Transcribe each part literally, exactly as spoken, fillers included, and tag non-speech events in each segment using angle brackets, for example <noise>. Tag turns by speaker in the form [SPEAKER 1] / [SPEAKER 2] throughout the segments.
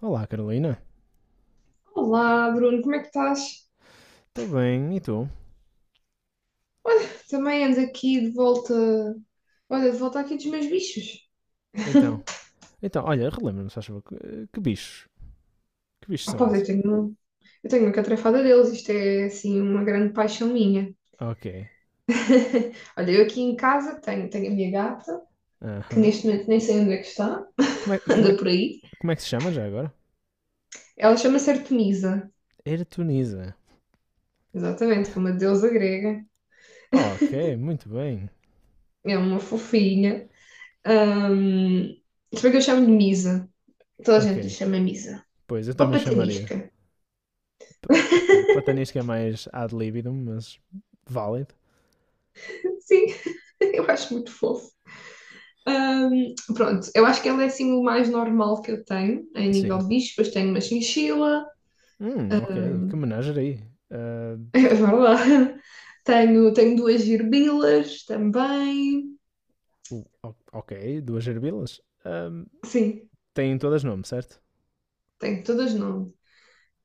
[SPEAKER 1] Olá, Carolina.
[SPEAKER 2] Olá, Bruno, como é que estás?
[SPEAKER 1] Estou bem, e tu?
[SPEAKER 2] Também ando aqui de volta. Olha, de volta aqui dos meus bichos.
[SPEAKER 1] Então, então olha, relembra-me, se faz favor, que, eh, que bichos? Que bichos
[SPEAKER 2] Ah, pá,
[SPEAKER 1] são
[SPEAKER 2] eu
[SPEAKER 1] esses?
[SPEAKER 2] tenho, eu tenho uma catrefada deles, isto é assim uma grande paixão minha.
[SPEAKER 1] Ok.
[SPEAKER 2] <laughs> Olha, eu aqui em casa tenho, tenho a minha gata, que
[SPEAKER 1] Aham.
[SPEAKER 2] neste momento nem sei onde é que está,
[SPEAKER 1] Como, é,
[SPEAKER 2] <laughs>
[SPEAKER 1] como, é,
[SPEAKER 2] anda
[SPEAKER 1] que-
[SPEAKER 2] por aí.
[SPEAKER 1] como é que se chama já agora?
[SPEAKER 2] Ela chama-se Artemisa,
[SPEAKER 1] Ertuniza.
[SPEAKER 2] exatamente, como a deusa grega.
[SPEAKER 1] Ok, muito bem.
[SPEAKER 2] É uma fofinha. Ahm, Se bem que eu chamo-lhe Misa. Toda a gente lhe
[SPEAKER 1] Ok.
[SPEAKER 2] chama Misa.
[SPEAKER 1] Pois, eu
[SPEAKER 2] Ou
[SPEAKER 1] também chamaria.
[SPEAKER 2] Patanisca.
[SPEAKER 1] P- ok, platanisca é mais ad libidum, mas válido.
[SPEAKER 2] Sim, <laughs> eu acho muito fofo. Ahm, pronto, eu acho que ele é assim o mais normal que eu tenho em nível
[SPEAKER 1] Sim.
[SPEAKER 2] de bichos, depois tenho uma chinchila.
[SPEAKER 1] Hum, ok. Que menagerie. Ah,
[SPEAKER 2] <laughs> É verdade. Tenho, tenho duas gerbilas também.
[SPEAKER 1] o- o- ok, duas gerbilas. Ah,
[SPEAKER 2] Sim,
[SPEAKER 1] têm todas nome, certo?
[SPEAKER 2] tenho todas não.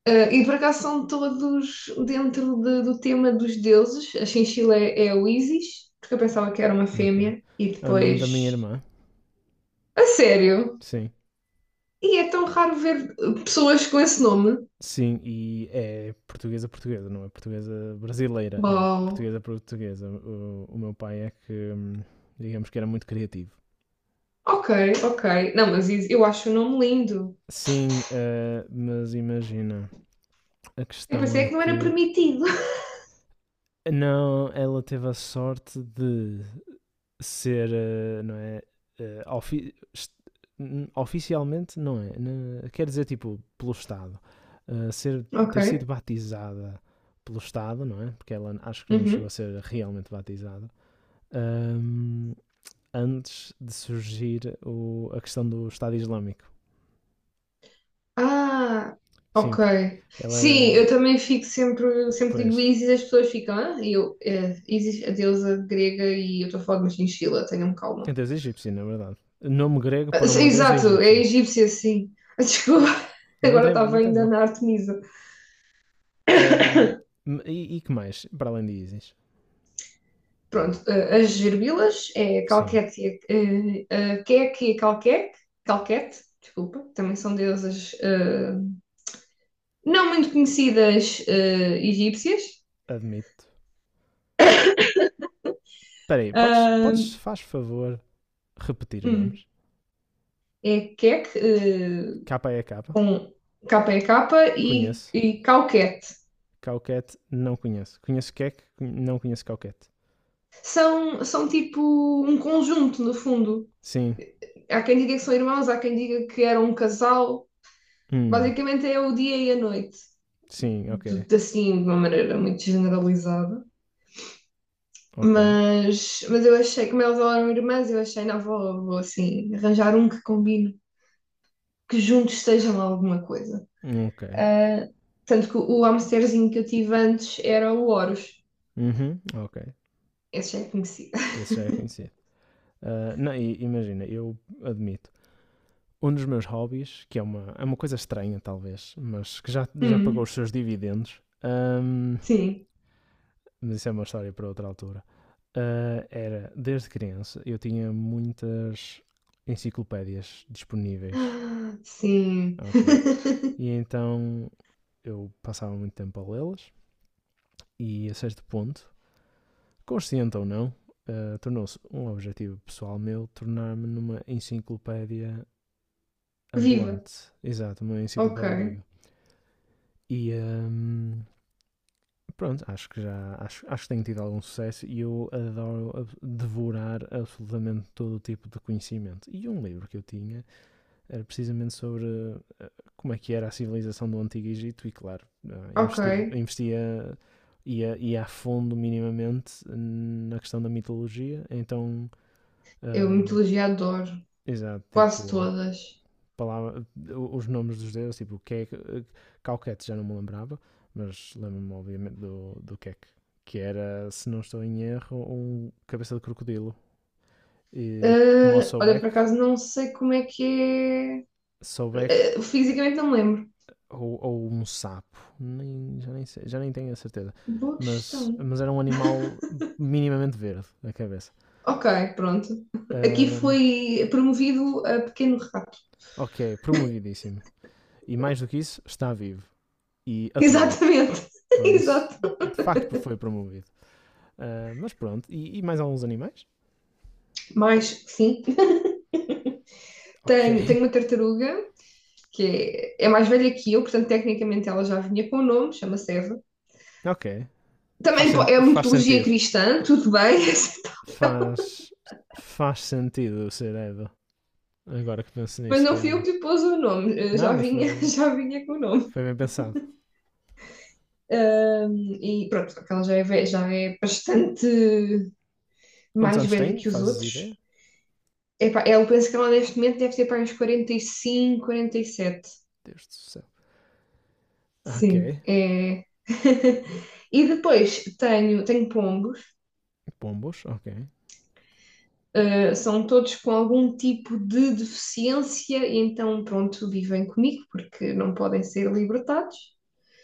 [SPEAKER 2] Ah, e por acaso são todos dentro de- do tema dos deuses. A chinchila é, é o Isis, porque eu pensava que era uma
[SPEAKER 1] Ok.
[SPEAKER 2] fêmea, e
[SPEAKER 1] É o nome da minha
[SPEAKER 2] depois.
[SPEAKER 1] irmã.
[SPEAKER 2] A sério?
[SPEAKER 1] Sim.
[SPEAKER 2] E é tão raro ver ah, pessoas com esse nome.
[SPEAKER 1] Sim, e é portuguesa portuguesa, não é portuguesa brasileira, é
[SPEAKER 2] Bom,
[SPEAKER 1] portuguesa portuguesa. O, o meu pai é que, hum, digamos que era muito criativo.
[SPEAKER 2] ok, ok. Não, mas Isis, eu acho o nome lindo.
[SPEAKER 1] Sim, eh, mas imagina, a
[SPEAKER 2] Eu
[SPEAKER 1] questão
[SPEAKER 2] pensei é
[SPEAKER 1] é
[SPEAKER 2] que não era
[SPEAKER 1] que
[SPEAKER 2] permitido.
[SPEAKER 1] não, ela teve a sorte de ser, eh, não é, eh, ofi- est- n- oficialmente não é, na- quer dizer tipo pelo Estado, eh, ser, ter sido
[SPEAKER 2] Ok.
[SPEAKER 1] batizada pelo Estado, não é? Porque ela acho que não chegou a
[SPEAKER 2] Uhum.
[SPEAKER 1] ser realmente batizada. ahm, Antes de surgir o- a questão do Estado Islâmico.
[SPEAKER 2] Ah,
[SPEAKER 1] Sim,
[SPEAKER 2] ok.
[SPEAKER 1] porque ela
[SPEAKER 2] Sim,
[SPEAKER 1] era,
[SPEAKER 2] eu também fico sempre, sempre digo
[SPEAKER 1] pois,
[SPEAKER 2] Isis, as pessoas ficam, ah, e eu, é, Isis, a deusa grega, e eu estou a falar de uma chinchila, tenham calma.
[SPEAKER 1] a deusa egípcia, na verdade. Nome grego
[SPEAKER 2] Ah,
[SPEAKER 1] para
[SPEAKER 2] sim,
[SPEAKER 1] uma deusa
[SPEAKER 2] exato, é
[SPEAKER 1] egípcia.
[SPEAKER 2] egípcia, sim. Ah, desculpa, <laughs>
[SPEAKER 1] Não
[SPEAKER 2] agora
[SPEAKER 1] tem,
[SPEAKER 2] estava
[SPEAKER 1] não tem
[SPEAKER 2] ainda
[SPEAKER 1] mal.
[SPEAKER 2] na Artemisa.
[SPEAKER 1] Ahm, e, e que mais, para além de Isis?
[SPEAKER 2] Pronto, ah, as gerbilas é
[SPEAKER 1] Sim,
[SPEAKER 2] Calquete, e a- ah, Keke e a Calquete, Calquete, desculpa, também são deusas ah, não muito conhecidas ah, egípcias.
[SPEAKER 1] admito. Espera aí, podes,
[SPEAKER 2] Ah,
[SPEAKER 1] podes, faz favor, repetir os
[SPEAKER 2] hum,
[SPEAKER 1] nomes?
[SPEAKER 2] É queque, eh,
[SPEAKER 1] Capa é capa,
[SPEAKER 2] com K P K e,
[SPEAKER 1] conheço.
[SPEAKER 2] e cauquete.
[SPEAKER 1] Cauquete, não conheço. Conheço Kek, não conheço Cauquete.
[SPEAKER 2] São, são tipo um conjunto, no fundo.
[SPEAKER 1] Sim,
[SPEAKER 2] Há quem diga que são irmãos, há quem diga que eram um casal.
[SPEAKER 1] hum,
[SPEAKER 2] Basicamente é o dia e a noite,
[SPEAKER 1] sim,
[SPEAKER 2] de,
[SPEAKER 1] ok,
[SPEAKER 2] de- assim, de uma maneira muito generalizada.
[SPEAKER 1] ok,
[SPEAKER 2] Mas, mas eu achei, como elas eram irmãs, eu achei, não, vou, vou assim, arranjar um que combine, que juntos estejam alguma coisa.
[SPEAKER 1] ok.
[SPEAKER 2] Ah, tanto que o hamsterzinho que eu tive antes era o Horus.
[SPEAKER 1] Uhum, ok.
[SPEAKER 2] Esse já é conhecido. <laughs>
[SPEAKER 1] Esse já é conhecido. Ah, não, e- imagina, eu admito. Um dos meus hobbies, que é uma, é uma coisa estranha talvez, mas que já, já pagou
[SPEAKER 2] Hum,
[SPEAKER 1] os seus dividendos, ahm,
[SPEAKER 2] sim.
[SPEAKER 1] mas isso é uma história para outra altura. Ah, era, desde criança, eu tinha muitas enciclopédias disponíveis,
[SPEAKER 2] Ah, sim.
[SPEAKER 1] ok?
[SPEAKER 2] <laughs>
[SPEAKER 1] E então eu passava muito tempo a lê-las e a certo ponto consciente ou não, eh, tornou-se um objetivo pessoal meu tornar-me numa enciclopédia
[SPEAKER 2] Viva.
[SPEAKER 1] ambulante. Exato, uma
[SPEAKER 2] Ok,
[SPEAKER 1] enciclopédia viva. E ehm, pronto, acho que já acho, acho que tenho tido algum sucesso e eu adoro ab- devorar absolutamente todo o tipo de conhecimento. E um livro que eu tinha era precisamente sobre como é que era a civilização do Antigo Egito e claro, eh,
[SPEAKER 2] ok.
[SPEAKER 1] investi, investia ia, ia a fundo minimamente na questão da mitologia, então
[SPEAKER 2] Eu
[SPEAKER 1] hum,
[SPEAKER 2] mitologia adoro.
[SPEAKER 1] exato,
[SPEAKER 2] Quase
[SPEAKER 1] tipo,
[SPEAKER 2] todas.
[SPEAKER 1] palavra, os nomes dos deuses, tipo, Kek, Calquete já não me lembrava, mas lembro-me obviamente do, do Kek, que era, se não estou em erro, um cabeça de crocodilo. E como o
[SPEAKER 2] Ah, olha, por
[SPEAKER 1] Sobek,
[SPEAKER 2] acaso não sei como é que é.
[SPEAKER 1] Sobek
[SPEAKER 2] Ah,
[SPEAKER 1] eh,
[SPEAKER 2] fisicamente não me lembro.
[SPEAKER 1] ou, ou um sapo, nem, já, nem sei- já nem tenho a certeza,
[SPEAKER 2] Boa
[SPEAKER 1] mas,
[SPEAKER 2] questão.
[SPEAKER 1] mas era um animal minimamente verde a cabeça.
[SPEAKER 2] Ok, pronto. Aqui
[SPEAKER 1] Ahm,
[SPEAKER 2] foi promovido a pequeno rato.
[SPEAKER 1] ok, promovidíssimo. E mais do que isso, está vivo e atual.
[SPEAKER 2] Exatamente. <laughs>
[SPEAKER 1] Por isso,
[SPEAKER 2] Exato.
[SPEAKER 1] de facto foi promovido. Ah, mas pronto, e, e mais alguns animais?
[SPEAKER 2] Mais, sim.
[SPEAKER 1] Ok,
[SPEAKER 2] Tenho, tenho uma tartaruga que é, é mais velha que eu, portanto, tecnicamente ela já vinha com o nome, chama-se Eva.
[SPEAKER 1] <laughs> ok. Faz,
[SPEAKER 2] Também
[SPEAKER 1] sen-
[SPEAKER 2] é uma
[SPEAKER 1] faz
[SPEAKER 2] mitologia
[SPEAKER 1] sentido.
[SPEAKER 2] cristã, tudo bem, <laughs>
[SPEAKER 1] Faz, faz sentido ser Edo. Agora que penso
[SPEAKER 2] mas
[SPEAKER 1] nisso
[SPEAKER 2] não fui eu
[SPEAKER 1] realmente.
[SPEAKER 2] que lhe pôs o nome, eh,
[SPEAKER 1] Não,
[SPEAKER 2] já
[SPEAKER 1] mas
[SPEAKER 2] vinha,
[SPEAKER 1] foi,
[SPEAKER 2] <laughs> já vinha com o nome.
[SPEAKER 1] foi bem pensado.
[SPEAKER 2] Ahm, e pronto, só ela já é, já é bastante
[SPEAKER 1] Quantos
[SPEAKER 2] mais
[SPEAKER 1] anos
[SPEAKER 2] velha
[SPEAKER 1] tem?
[SPEAKER 2] que os
[SPEAKER 1] Fazes ideia?
[SPEAKER 2] outros. Epá, eu penso que ela neste momento deve ter para uns quarenta e cinco, quarenta e sete.
[SPEAKER 1] Deus do céu.
[SPEAKER 2] Sim,
[SPEAKER 1] Ok.
[SPEAKER 2] é. <laughs> E depois tenho, tenho pombos.
[SPEAKER 1] Pombos, ok.
[SPEAKER 2] Uh, são todos com algum tipo de deficiência, e então, pronto, vivem comigo porque não podem ser libertados.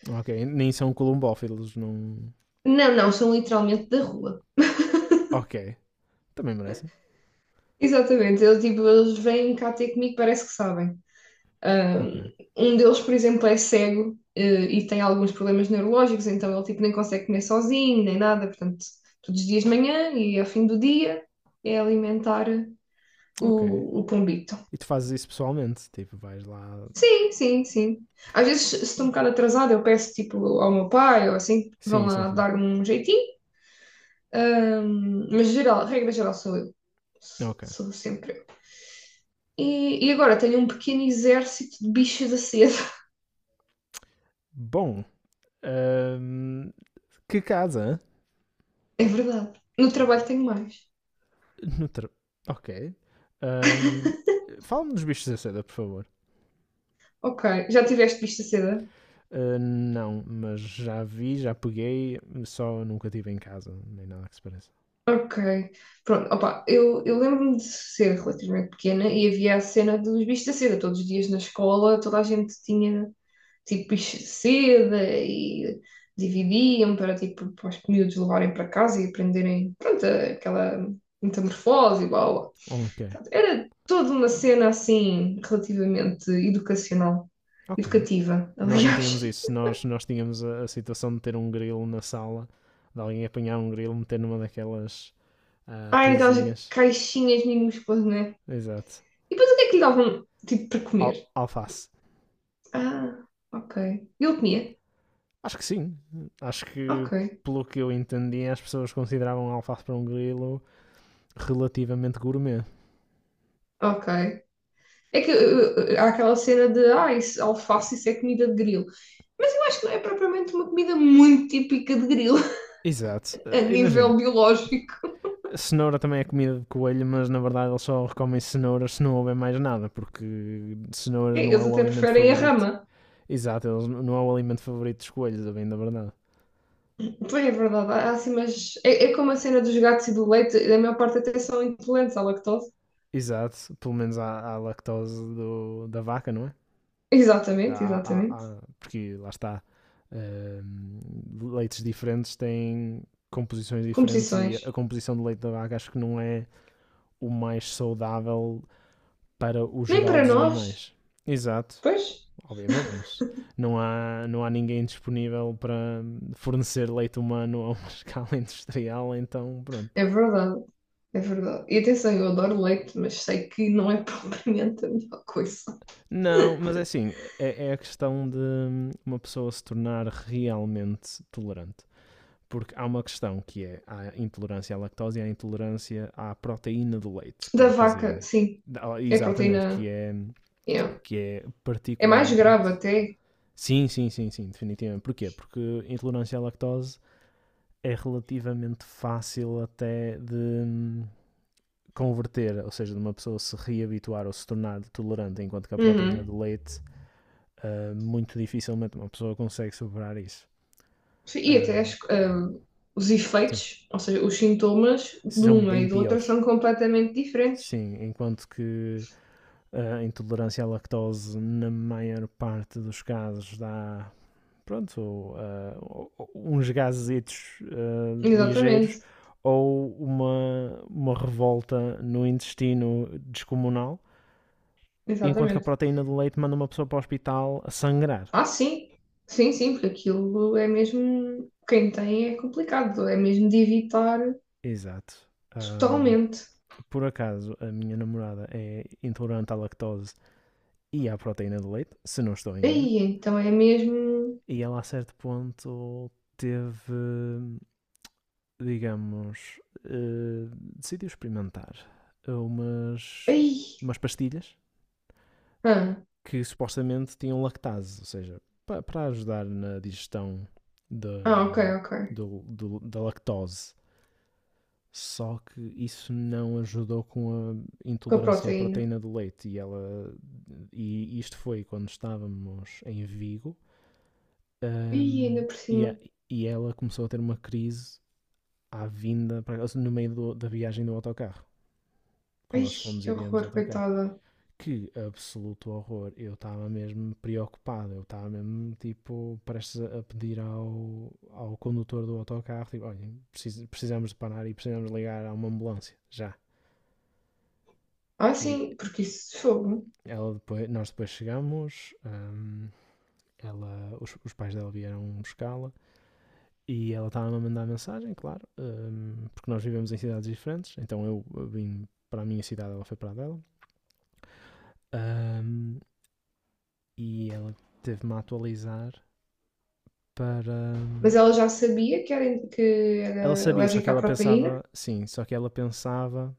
[SPEAKER 1] Ok, nem são columbófilos, não.
[SPEAKER 2] Não, não, são literalmente da rua.
[SPEAKER 1] Ok, também merecem.
[SPEAKER 2] Exatamente, eles, tipo, eles vêm cá ter comigo, parece que sabem.
[SPEAKER 1] Ok,
[SPEAKER 2] Eh, Um deles, por exemplo, é cego, eh, e tem alguns problemas neurológicos, então ele tipo nem consegue comer sozinho, nem nada, portanto, todos os dias de manhã e ao fim do dia é alimentar
[SPEAKER 1] ok.
[SPEAKER 2] o, o pombito.
[SPEAKER 1] E tu fazes isso pessoalmente? Tipo, vais lá.
[SPEAKER 2] Sim, sim, sim. Às vezes, se estou um bocado atrasada, eu peço tipo ao meu pai ou assim, vão
[SPEAKER 1] Sim, sim,
[SPEAKER 2] lá
[SPEAKER 1] sim.
[SPEAKER 2] dar-me um jeitinho. Ahm, mas geral, regra geral sou eu. S-
[SPEAKER 1] Ok.
[SPEAKER 2] Sou sempre eu. E, e agora tenho um pequeno exército de bichos da seda. <laughs>
[SPEAKER 1] Bom, Ahm, que casa?
[SPEAKER 2] É verdade. No trabalho tenho mais.
[SPEAKER 1] No tra- Ok. Ahm, Fala-me dos bichos da seda, por favor.
[SPEAKER 2] Ok, já tiveste bicho da seda?
[SPEAKER 1] Ah, não, mas já vi, já peguei, só nunca tive em casa, nem nada que se pareça.
[SPEAKER 2] Ok. Pronto, opa, eu, eu lembro-me de ser relativamente pequena e havia a cena dos bichos da seda. Todos os dias na escola, toda a gente tinha tipo bicho seda e dividiam para, tipo, para os miúdos levarem para casa e aprenderem, pronto, aquela metamorfose e blá blá.
[SPEAKER 1] Ok,
[SPEAKER 2] Era toda uma cena assim, relativamente educacional,
[SPEAKER 1] ok.
[SPEAKER 2] educativa, <laughs>
[SPEAKER 1] Nós não tínhamos
[SPEAKER 2] aliás.
[SPEAKER 1] isso, nós, nós tínhamos a, a situação de ter um grilo na sala, de alguém apanhar um grilo, meter numa daquelas ah,
[SPEAKER 2] Ai, aquelas
[SPEAKER 1] casinhas.
[SPEAKER 2] caixinhas minúsculas, né?
[SPEAKER 1] Exato.
[SPEAKER 2] E depois o que é que lhe davam, tipo, para comer?
[SPEAKER 1] Al- alface.
[SPEAKER 2] Ah, ok. Ele comia?
[SPEAKER 1] Acho que sim. Acho que,
[SPEAKER 2] Ok,
[SPEAKER 1] pelo que eu entendi, as pessoas consideravam alface para um grilo relativamente gourmet.
[SPEAKER 2] ok. É que uh, uh, há aquela cena de, ah, isso, alface, isso é comida de grilo. Mas eu acho que não é propriamente uma comida muito típica de grilo,
[SPEAKER 1] Exato.
[SPEAKER 2] a
[SPEAKER 1] Eh,
[SPEAKER 2] nível
[SPEAKER 1] imagina,
[SPEAKER 2] biológico.
[SPEAKER 1] cenoura também é comida de coelho, mas na verdade eles só comem cenouras se não houver mais nada, porque cenouras
[SPEAKER 2] É,
[SPEAKER 1] não é
[SPEAKER 2] eles
[SPEAKER 1] o
[SPEAKER 2] até
[SPEAKER 1] alimento
[SPEAKER 2] preferem a
[SPEAKER 1] favorito.
[SPEAKER 2] rama.
[SPEAKER 1] Exato, eles não é o alimento favorito dos coelhos, a bem da verdade.
[SPEAKER 2] Pois é verdade, há assim, mas é, é como a cena dos gatos e do leite, da maior parte até são intolerantes à lactose.
[SPEAKER 1] Exato, pelo menos há, há lactose do- da vaca, não é? Há-
[SPEAKER 2] Exatamente,
[SPEAKER 1] há-
[SPEAKER 2] exatamente.
[SPEAKER 1] há- porque lá está, ehm, leites diferentes têm composições diferentes e a
[SPEAKER 2] Composições.
[SPEAKER 1] composição do leite da vaca acho que não é o mais saudável para o
[SPEAKER 2] Nem
[SPEAKER 1] geral
[SPEAKER 2] para
[SPEAKER 1] dos
[SPEAKER 2] nós.
[SPEAKER 1] animais. Exato,
[SPEAKER 2] Pois,
[SPEAKER 1] obviamente, mas não há, não há ninguém disponível para fornecer leite humano a uma <laughs> escala industrial, então pronto.
[SPEAKER 2] é verdade, é verdade. E atenção, eu adoro leite, mas sei que não é <laughs> propriamente a melhor coisa.
[SPEAKER 1] Não, mas é assim, é, é a questão de uma pessoa se tornar realmente tolerante. Porque há uma questão que é a intolerância à lactose e a intolerância à proteína do leite, que
[SPEAKER 2] Da
[SPEAKER 1] é a caseína.
[SPEAKER 2] vaca, sim.
[SPEAKER 1] Ah,
[SPEAKER 2] É
[SPEAKER 1] exatamente, que
[SPEAKER 2] proteína.
[SPEAKER 1] é,
[SPEAKER 2] Yeah.
[SPEAKER 1] que é
[SPEAKER 2] É mais grave
[SPEAKER 1] particularmente.
[SPEAKER 2] até.
[SPEAKER 1] Sim, sim, sim, sim, definitivamente. Porquê? Porque intolerância à lactose é relativamente fácil até de hum, converter, ou seja, de uma pessoa se reabituar ou se tornar tolerante, enquanto que a proteína
[SPEAKER 2] Uhum.
[SPEAKER 1] do leite, ah, muito dificilmente uma pessoa consegue superar isso.
[SPEAKER 2] Sim, e até
[SPEAKER 1] Ah,
[SPEAKER 2] as- ah, os
[SPEAKER 1] sim,
[SPEAKER 2] efeitos, ou seja, os sintomas de
[SPEAKER 1] são
[SPEAKER 2] uma e
[SPEAKER 1] bem
[SPEAKER 2] do outra
[SPEAKER 1] piores.
[SPEAKER 2] são completamente diferentes.
[SPEAKER 1] Sim, enquanto que hum, a intolerância à lactose, na maior parte dos casos, dá pronto, ou, ah, uns gazetos ah, ligeiros
[SPEAKER 2] Exatamente,
[SPEAKER 1] ou uma, uma revolta no intestino descomunal, enquanto que a
[SPEAKER 2] exatamente.
[SPEAKER 1] proteína do leite manda uma pessoa para o hospital a sangrar.
[SPEAKER 2] Ah, sim, sim, sim, porque aquilo é mesmo. Quem tem é complicado, é mesmo de evitar
[SPEAKER 1] Exato. Ahm,
[SPEAKER 2] totalmente.
[SPEAKER 1] por acaso, a minha namorada é intolerante à lactose e à proteína do leite, se não estou em erro,
[SPEAKER 2] Aí, então é mesmo.
[SPEAKER 1] e ela a certo ponto teve, digamos, eh, decidiu experimentar umas,
[SPEAKER 2] Aí,
[SPEAKER 1] umas pastilhas
[SPEAKER 2] ah,
[SPEAKER 1] que supostamente tinham lactase, ou seja, pa- para ajudar na digestão da,
[SPEAKER 2] ah, ok, ok.
[SPEAKER 1] do- do- da lactose. Só que isso não ajudou com a
[SPEAKER 2] Com a
[SPEAKER 1] intolerância à
[SPEAKER 2] proteína.
[SPEAKER 1] proteína do leite. E, ela, e isto foi quando estávamos em Vigo.
[SPEAKER 2] Aí,
[SPEAKER 1] ahm,
[SPEAKER 2] ainda por
[SPEAKER 1] e, a-
[SPEAKER 2] cima.
[SPEAKER 1] e ela começou a ter uma crise à vinda, no meio do- da viagem do autocarro. Que
[SPEAKER 2] Ai,
[SPEAKER 1] nós fomos
[SPEAKER 2] que
[SPEAKER 1] e viemos de
[SPEAKER 2] horror,
[SPEAKER 1] autocarro.
[SPEAKER 2] coitada.
[SPEAKER 1] Que absoluto horror. Eu estava mesmo preocupado. Eu estava mesmo, tipo, prestes a pedir ao, ao condutor do autocarro: tipo, olha, precis- precisamos de parar e precisamos ligar a uma ambulância, já.
[SPEAKER 2] Ah,
[SPEAKER 1] E
[SPEAKER 2] sim, porque isso é fogo.
[SPEAKER 1] ela depois, nós depois chegamos, hum, ela, os, os pais dela vieram buscá-la e ela estava a mandar mensagem, claro, hum, porque nós vivemos em cidades diferentes. Então eu eu vim para a minha cidade, ela foi para a dela. Hum, e ela teve-me a atualizar para hum,
[SPEAKER 2] Mas ela já sabia que era, que
[SPEAKER 1] Ela
[SPEAKER 2] era
[SPEAKER 1] sabia, só que
[SPEAKER 2] alérgica à
[SPEAKER 1] ela
[SPEAKER 2] proteína,
[SPEAKER 1] pensava. Sim, só que ela pensava.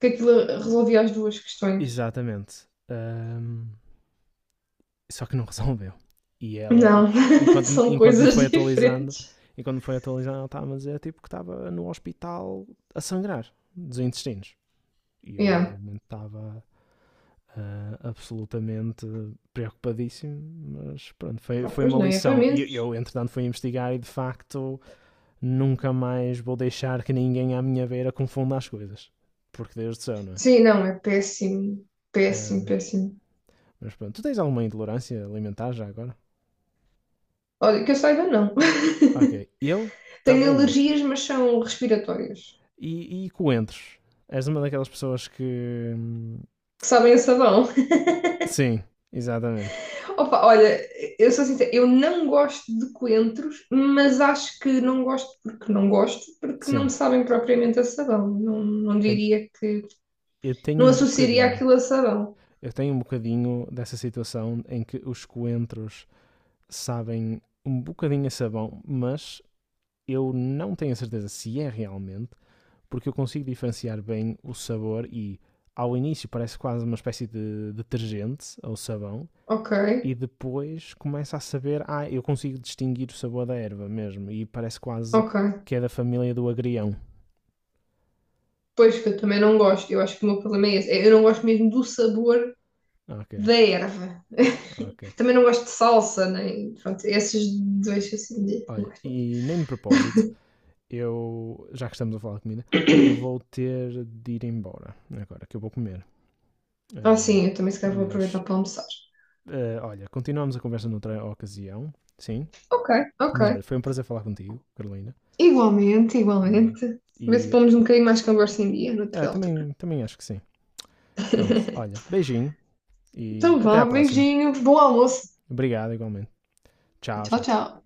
[SPEAKER 2] que aquilo resolvia as duas questões.
[SPEAKER 1] Exatamente. Ahm, só que não <laughs> resolveu. E ela,
[SPEAKER 2] Não, <laughs>
[SPEAKER 1] enquanto,
[SPEAKER 2] são
[SPEAKER 1] enquanto me foi
[SPEAKER 2] coisas
[SPEAKER 1] atualizando,
[SPEAKER 2] diferentes.
[SPEAKER 1] enquanto me foi atualizando, ela estava a dizer tipo que estava no hospital a sangrar dos intestinos. E eu,
[SPEAKER 2] Yeah.
[SPEAKER 1] obviamente, estava ah, absolutamente preocupadíssimo, mas pronto, foi,
[SPEAKER 2] Ah,
[SPEAKER 1] foi
[SPEAKER 2] pois
[SPEAKER 1] uma
[SPEAKER 2] não, é para
[SPEAKER 1] lição. E
[SPEAKER 2] menos.
[SPEAKER 1] eu, entretanto, fui investigar e de facto nunca mais vou deixar que ninguém à minha beira confunda as coisas. Porque Deus do céu, não é?
[SPEAKER 2] Sim, não, é péssimo, péssimo,
[SPEAKER 1] Ahm,
[SPEAKER 2] péssimo.
[SPEAKER 1] mas pronto, tu tens alguma intolerância alimentar já agora?
[SPEAKER 2] Olha, que eu saiba, não.
[SPEAKER 1] Ok, eu
[SPEAKER 2] <laughs> Tenho
[SPEAKER 1] também não.
[SPEAKER 2] alergias, mas são respiratórias.
[SPEAKER 1] E, e coentros? És uma daquelas pessoas que. hum,
[SPEAKER 2] Que sabem a sabão.
[SPEAKER 1] Sim, exatamente.
[SPEAKER 2] Opa, olha, eu sou sincera, eu não gosto de coentros, mas acho que não gosto porque não gosto, porque não me
[SPEAKER 1] Sim.
[SPEAKER 2] sabem propriamente a sabão. Não, não
[SPEAKER 1] Eh,
[SPEAKER 2] diria que.
[SPEAKER 1] Eu tenho
[SPEAKER 2] Não
[SPEAKER 1] um
[SPEAKER 2] associaria
[SPEAKER 1] bocadinho.
[SPEAKER 2] aquilo a sabão.
[SPEAKER 1] Eu tenho um bocadinho dessa situação em que os coentros sabem um bocadinho a sabão, mas eu não tenho a certeza se é realmente, porque eu consigo diferenciar bem o sabor e ao início parece quase uma espécie de detergente ou sabão,
[SPEAKER 2] Ok,
[SPEAKER 1] e depois começa a saber, ah, eu consigo distinguir o sabor da erva mesmo, e parece quase
[SPEAKER 2] ok.
[SPEAKER 1] que é da família do agrião.
[SPEAKER 2] Pois que eu também não gosto. Eu acho que o meu problema é esse. É, eu não gosto mesmo do sabor
[SPEAKER 1] Ok,
[SPEAKER 2] da erva.
[SPEAKER 1] ok.
[SPEAKER 2] Também não gosto de salsa, nem. Pronto, esses dois assim, não
[SPEAKER 1] Olha,
[SPEAKER 2] gosto muito.
[SPEAKER 1] e nem de propósito, eu, já que estamos a falar de comida, eu vou ter de ir embora agora, que eu vou comer.
[SPEAKER 2] Ah,
[SPEAKER 1] Ah,
[SPEAKER 2] sim, eu também se calhar vou aproveitar
[SPEAKER 1] mas,
[SPEAKER 2] para almoçar.
[SPEAKER 1] ah, olha, continuamos a conversa noutra ocasião, sim.
[SPEAKER 2] Ok,
[SPEAKER 1] Mas
[SPEAKER 2] ok.
[SPEAKER 1] olha, foi um prazer falar contigo, Carolina.
[SPEAKER 2] Igualmente,
[SPEAKER 1] Ah,
[SPEAKER 2] igualmente. Vê se
[SPEAKER 1] e
[SPEAKER 2] pomos um bocadinho mais conversa em dia,
[SPEAKER 1] ah,
[SPEAKER 2] natural também.
[SPEAKER 1] também, também acho que sim. Pronto,
[SPEAKER 2] <laughs>
[SPEAKER 1] olha, beijinho e
[SPEAKER 2] Então
[SPEAKER 1] até
[SPEAKER 2] vá,
[SPEAKER 1] à próxima.
[SPEAKER 2] beijinho, bom almoço.
[SPEAKER 1] Obrigado, igualmente. Tchau,
[SPEAKER 2] Tchau,
[SPEAKER 1] tchau.
[SPEAKER 2] tchau.